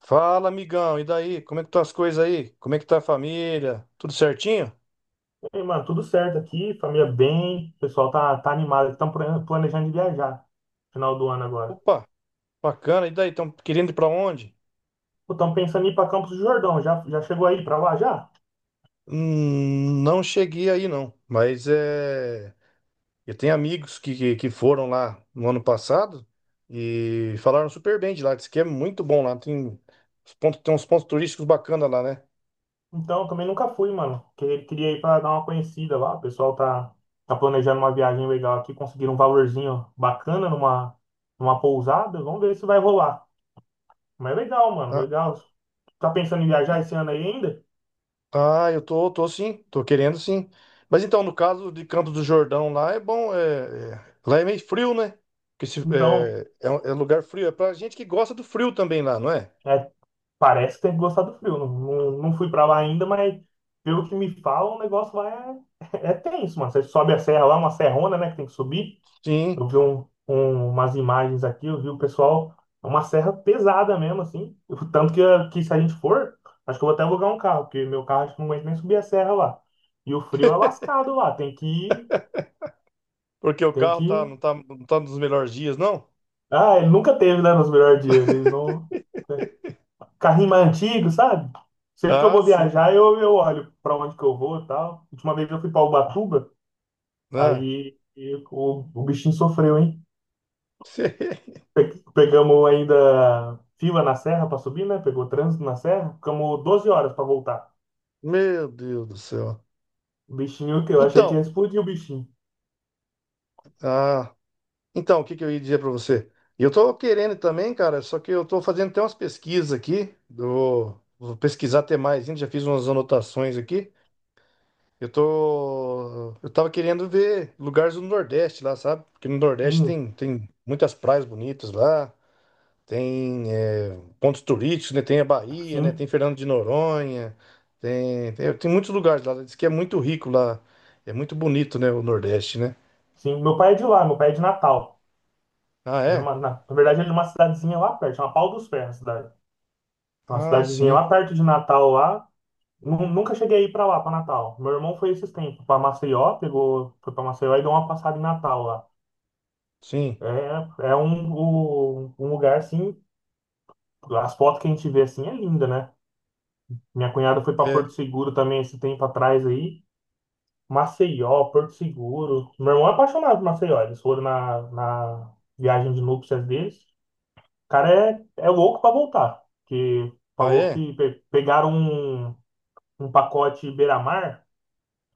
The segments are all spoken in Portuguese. Fala, amigão, e daí? Como é que estão as coisas aí? Como é que tá a família? Tudo certinho? Ei, mano, tudo certo aqui, família bem, o pessoal tá animado, estão planejando de viajar final do ano agora. Opa, bacana. E daí, estão querendo ir para onde? Estão pensando em ir para Campos do Jordão, já chegou aí para lá já? Não cheguei aí não, mas é, eu tenho amigos que foram lá no ano passado e falaram super bem de lá, disse que é muito bom lá, tem, tem uns pontos turísticos bacanas lá, né? Então, também nunca fui, mano, queria ir para dar uma conhecida lá, o pessoal tá planejando uma viagem legal aqui, conseguiram um valorzinho bacana numa pousada, vamos ver se vai rolar. Mas é legal, mano, legal. Tá pensando em viajar esse ano aí ainda? Ah, eu tô querendo sim. Mas então, no caso de Campos do Jordão, lá é bom, lá é meio frio, né? Porque se- Então, é, é, um- É lugar frio, é pra gente que gosta do frio também lá, não é? é. Parece que tem que gostar do frio. Não, não fui pra lá ainda, mas pelo que me falam, o negócio lá é, é tenso, mano. Você sobe a serra lá, uma serrona, né, que tem que subir. Sim, Eu vi umas imagens aqui, eu vi o pessoal, é uma serra pesada mesmo, assim. O tanto que se a gente for, acho que eu vou até alugar um carro, porque meu carro acho que não aguenta nem subir a serra lá. E o frio é lascado lá, tem que porque o tem carro que tá, ir. Não tá nos melhores dias, não? Ah, ele nunca teve, né, nos melhores dias. Ele não. Carrinho mais antigo, sabe? Sempre que eu Ah, vou sim, viajar, eu olho pra onde que eu vou e tal. Última vez eu fui pra Ubatuba, né? aí e o bichinho sofreu, hein? Pegamos ainda fila na serra pra subir, né? Pegou trânsito na serra, ficamos 12 horas pra voltar. Meu Deus do céu. O bichinho, que eu achei que Então, ia explodir o bichinho. ah, então, o que que eu ia dizer pra você? Eu tô querendo também, cara, só que eu tô fazendo até umas pesquisas aqui, do, vou pesquisar até mais, ainda já fiz umas anotações aqui. Eu tô. Eu tava querendo ver lugares do Nordeste lá, sabe? Porque no Nordeste Hum, tem muitas praias bonitas lá, tem é, pontos turísticos, né? Tem a Bahia, né? sim, Tem Fernando de Noronha, tem muitos lugares lá. Diz que é muito rico lá. É muito bonito, né? O Nordeste, né? sim. Meu pai é de lá, meu pai é de Natal. Ah, é? Na, na verdade, ele é de uma cidadezinha lá perto, chama Pau dos Ferros, a cidade. Uma Ah, cidadezinha sim, lá perto de Natal, lá. Nunca cheguei a ir pra lá, pra Natal. Meu irmão foi esses tempos pra Maceió, pegou, foi pra Maceió e deu uma passada em Natal lá. sim. Um lugar assim, as fotos que a gente vê assim é linda, né? Minha cunhada foi pra É. Porto Seguro também esse tempo atrás aí. Maceió, Porto Seguro. Meu irmão é apaixonado por Maceió. Eles foram na viagem de núpcias deles. O cara é louco pra voltar. Que Ah, falou é? que pegaram um pacote beira-mar.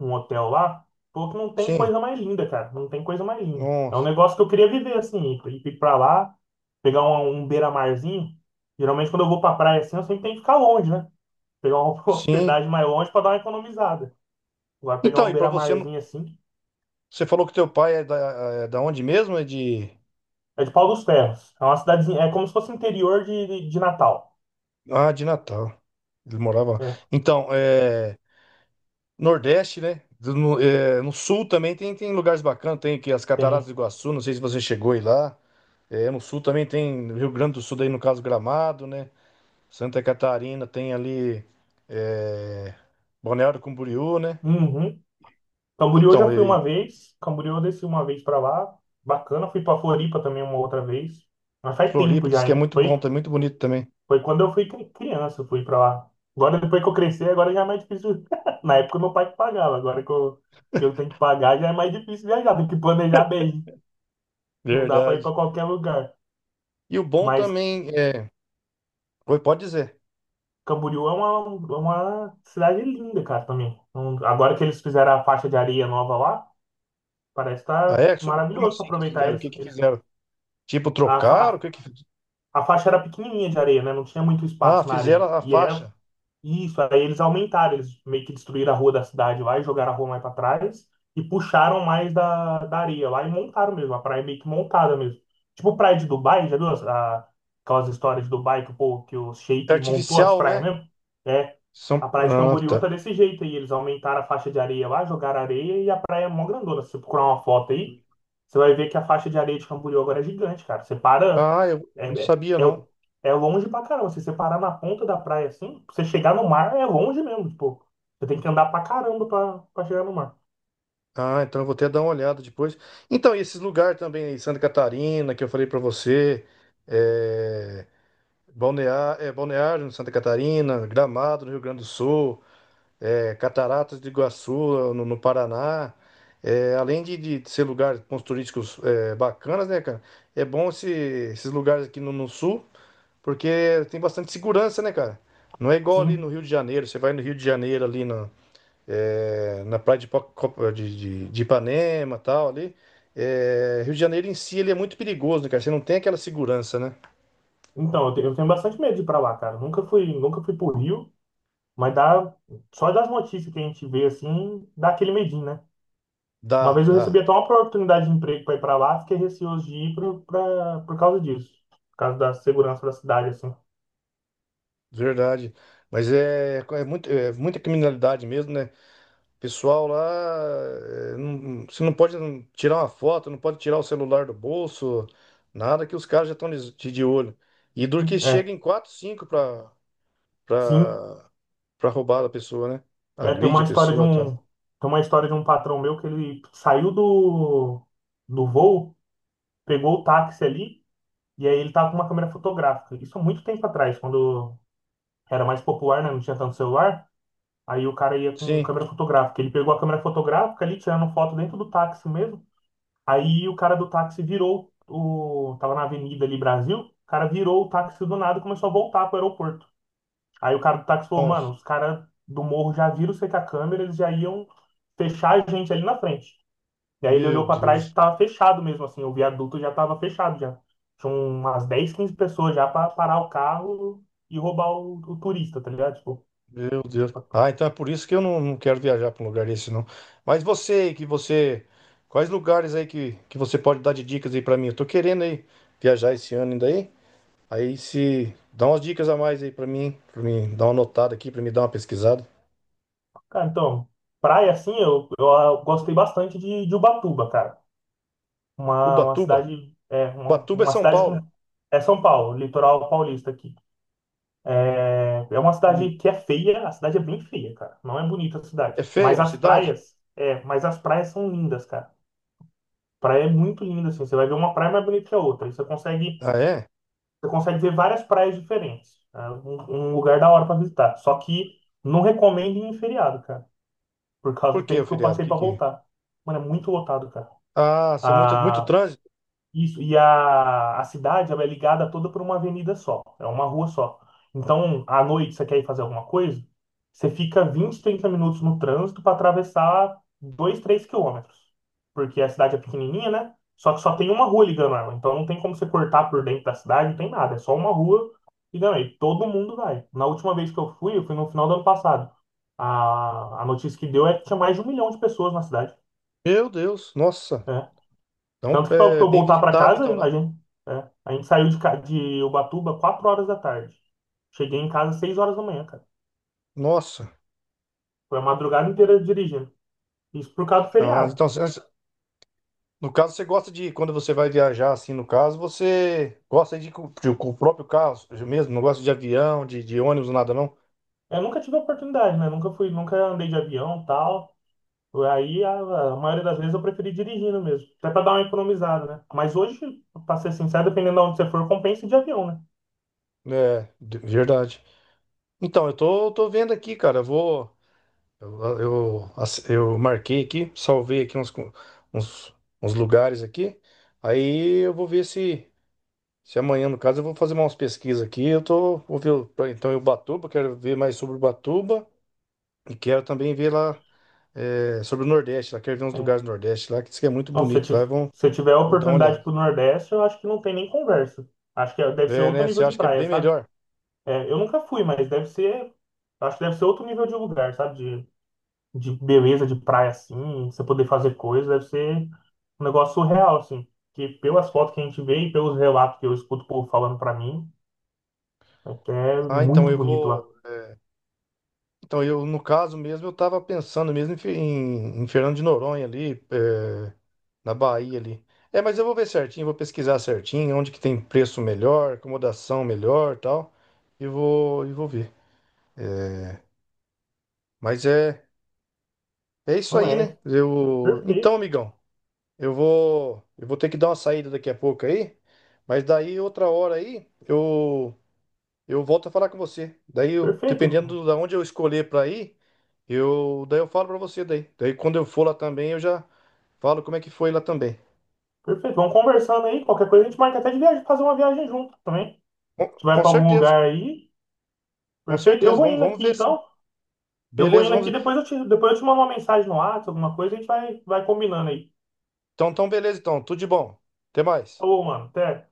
Um hotel lá, falou que não tem Sim. coisa mais linda, cara. Não tem coisa mais linda. É um Nossa. negócio que eu queria viver, assim, ir pra lá, pegar um beira-marzinho. Geralmente, quando eu vou pra praia assim, eu sempre tenho que ficar longe, né? Pegar uma Sim. hospedagem mais longe pra dar uma economizada. Agora, pegar Então, um e pra você, beira-marzinho assim, você falou que teu pai é da onde mesmo? É de. é de Pau dos Ferros. É uma cidadezinha, é como se fosse interior de Natal. Ah, de Natal. Ele morava lá. É, Então, é, Nordeste, né? No Sul também tem, tem lugares bacanas. Tem aqui as Cataratas tem. do Iguaçu, não sei se você chegou aí lá. É, no Sul também tem Rio Grande do Sul, daí no caso Gramado, né? Santa Catarina tem ali é, Balneário Camboriú, né? Uhum. Camboriú eu Então, já fui uma e vez. Camboriú eu desci uma vez pra lá. Bacana. Fui pra Floripa também uma outra vez. Mas faz tempo Floripa diz já, que é hein? muito bom, Foi. tá muito bonito também. Foi quando eu fui criança, eu fui pra lá. Agora, depois que eu cresci, agora já é mais difícil. Na época, meu pai que pagava. Agora que eu tenho que pagar, já é mais difícil viajar. Tem que planejar bem. Não dá pra ir Verdade. pra qualquer lugar. E o bom Mas também é. Oi, pode dizer. Camboriú é é uma cidade linda, cara, também. Então, agora que eles fizeram a faixa de areia nova lá, parece que Ah, tá é? Como maravilhoso pra assim que eles aproveitar fizeram? O eles. que que Eles fizeram? Tipo, a, trocaram? O que fa- que a faixa era pequenininha de areia, né? Não tinha muito Ah, espaço na fizeram areia. a E é faixa. isso, aí eles aumentaram, eles meio que destruíram a rua da cidade lá e jogaram a rua mais para trás e puxaram mais da areia lá e montaram mesmo, a praia meio que montada mesmo. Tipo praia de Dubai, já viu aquelas histórias de Dubai que, que o É Sheik montou as artificial, praias né? mesmo? É, a São... praia de Ah, Camboriú tá tá. desse jeito aí, eles aumentaram a faixa de areia lá, jogaram areia e a praia é mó grandona. Se você procurar uma foto aí, você vai ver que a faixa de areia de Camboriú agora é gigante, cara. Você para. Ah, eu É, não é, sabia, é, não. é longe pra caramba. Se você parar na ponta da praia assim, pra você chegar no mar é longe mesmo, tipo. Você tem que andar pra caramba pra chegar no mar. Ah, então eu vou até dar uma olhada depois. Então, e esses lugares também aí, Santa Catarina, que eu falei pra você, é... é, Balneário, em Santa Catarina, Gramado, no Rio Grande do Sul, é, Cataratas de Iguaçu, no Paraná. É, além de ser lugares pontos turísticos é, bacanas, né, cara? É bom esse- esses lugares aqui no no sul. Porque tem bastante segurança, né, cara? Não é igual ali no Sim. Rio de Janeiro. Você vai no Rio de Janeiro, ali na, é, na praia de, Ipa- Copa- de Ipanema e tal, ali. É, Rio de Janeiro em si, ele é muito perigoso, né, cara? Você não tem aquela segurança, né? Então, eu tenho bastante medo de ir pra lá, cara. Nunca fui, nunca fui pro Rio, mas dá, só das notícias que a gente vê assim, dá aquele medinho, né? Uma Dá, vez eu recebi dá. até uma oportunidade de emprego pra ir pra lá, fiquei receoso de ir por causa disso. Por causa da segurança da cidade, assim. Verdade. Mas é é muita criminalidade mesmo, né? Pessoal lá, você não pode tirar uma foto, não pode tirar o celular do bolso, nada que os caras já estão de olho. E duro que chega É, em 4, 5 para sim. pra, pra roubar a pessoa, né? É, tem Agride uma a história de pessoa, tá? um, tem uma história de um patrão meu que ele saiu do voo, pegou o táxi ali, e aí ele tava com uma câmera fotográfica. Isso há muito tempo atrás, quando era mais popular, né? Não tinha tanto celular. Aí o cara ia com Sim. câmera fotográfica. Ele pegou a câmera fotográfica ali, tirando foto dentro do táxi mesmo. Aí o cara do táxi virou tava na avenida ali, Brasil. O cara virou o táxi do nada e começou a voltar pro aeroporto. Aí o cara do táxi falou, mano, Nossa, os caras do morro já viram você com a câmera, eles já iam fechar a gente ali na frente. E aí ele meu olhou pra trás e Deus, tava fechado mesmo, assim, o viaduto já tava fechado já. Tinha umas 10, 15 pessoas já pra parar o carro e roubar o turista, tá ligado? Tipo, meu Deus. Ah, então é por isso que eu não, não quero viajar para um lugar desse, não. Mas você, que você... Quais lugares aí que você pode dar de dicas aí para mim? Eu tô querendo aí viajar esse ano ainda aí. Aí se... Dá umas dicas a mais aí para mim dar uma notada aqui, para me dar uma pesquisada. cara, então, praia assim, eu gostei bastante de Ubatuba, cara. Ubatuba. Ubatuba é Uma São cidade com. Paulo. É São Paulo, litoral paulista aqui. É uma Hum. cidade que é feia, a cidade é bem feia, cara. Não é bonita a cidade. É feia Mas a as cidade? praias, é, mas as praias são lindas, cara. Praia é muito linda, assim. Você vai ver uma praia mais bonita que a outra. E Ah, é? você consegue ver várias praias diferentes. É um lugar da hora pra visitar. Só que não recomendo ir em feriado, cara. Por causa Por do que, tempo o que eu feriado? passei pra Que... voltar. Mano, é muito lotado, cara. Ah, ser muito, muito Ah, trânsito? isso, e a cidade ela é ligada toda por uma avenida só, é uma rua só. Então, à noite, você quer ir fazer alguma coisa, você fica 20, 30 minutos no trânsito para atravessar 2, 3 quilômetros. Porque a cidade é pequenininha, né? Só que só tem uma rua ligando ela. Então, não tem como você cortar por dentro da cidade, não tem nada. É só uma rua ligando aí. Todo mundo vai. Na última vez que eu fui no final do ano passado. A notícia que deu é que tinha mais de um milhão de pessoas na cidade. Meu Deus, nossa. Né? Então, Tanto que para é eu bem voltar para visitado, casa, então, lá. A gente saiu de Ubatuba 4 horas da tarde. Cheguei em casa 6 horas da manhã, cara. Nossa. Foi a madrugada inteira dirigindo. Isso por causa do Ah, feriado. então, cê- no caso, você gosta de, quando você vai viajar, assim, no caso, você gosta de ir com, com o próprio carro mesmo, não gosta de avião, de ônibus, nada, não? Eu nunca tive a oportunidade, né? Nunca fui, nunca andei de avião, tal. Aí a maioria das vezes eu preferi dirigindo mesmo, até para dar uma economizada, né? Mas hoje, para ser sincero, dependendo de onde você for, compensa ir de avião, né? É, verdade. Então, eu tô, tô vendo aqui, cara, eu vou... Eu marquei aqui, salvei aqui uns, uns, uns lugares aqui, aí eu vou ver se... Se amanhã, no caso, eu vou fazer umas pesquisas aqui. Eu tô, vou ver então em Ubatuba, quero ver mais sobre Ubatuba e quero também ver lá eh, sobre o Nordeste. Lá quero ver uns É. lugares do Nordeste lá que diz que é muito Não, bonito. Lá vão, se você tiver a vou dar uma olhada. oportunidade pro Nordeste, eu acho que não tem nem conversa. Acho que é, deve ser É, outro né? Você nível de acha que é praia, bem sabe? melhor? É, eu nunca fui, mas deve ser. Acho que deve ser outro nível de lugar, sabe? De beleza, de praia assim, você poder fazer coisas, deve ser um negócio surreal, assim. Que pelas fotos que a gente vê e pelos relatos que eu escuto o povo falando pra mim, é que é Ah, então muito eu bonito vou. lá. Então eu, no caso mesmo, eu tava pensando mesmo em, em Fernando de Noronha ali, eh, na Bahia ali. É, mas eu vou ver certinho, vou pesquisar certinho onde que tem preço melhor, acomodação melhor, e tal. E vou ver. Mas é É isso Não aí, né? é? Eu... Então, Perfeito, amigão, eu vou ter que dar uma saída daqui a pouco aí, mas daí outra hora aí eu volto a falar com você. Perfeito, Dependendo da onde eu escolher para ir, eu falo para você daí. Daí quando eu for lá também eu já falo como é que foi lá também. perfeito. Vamos conversando aí, qualquer coisa a gente marca até de viagem, fazer uma viagem junto também. A gente vai Com pra algum certeza, lugar aí, com perfeito. Eu certeza. vou Vamos, indo vamos aqui ver sim. então. Eu vou Beleza, indo vamos. aqui, Ver. depois depois eu te mando uma mensagem no WhatsApp, alguma coisa, a gente vai combinando aí. Então, então beleza, então. Tudo de bom. Até mais. Falou, mano, até.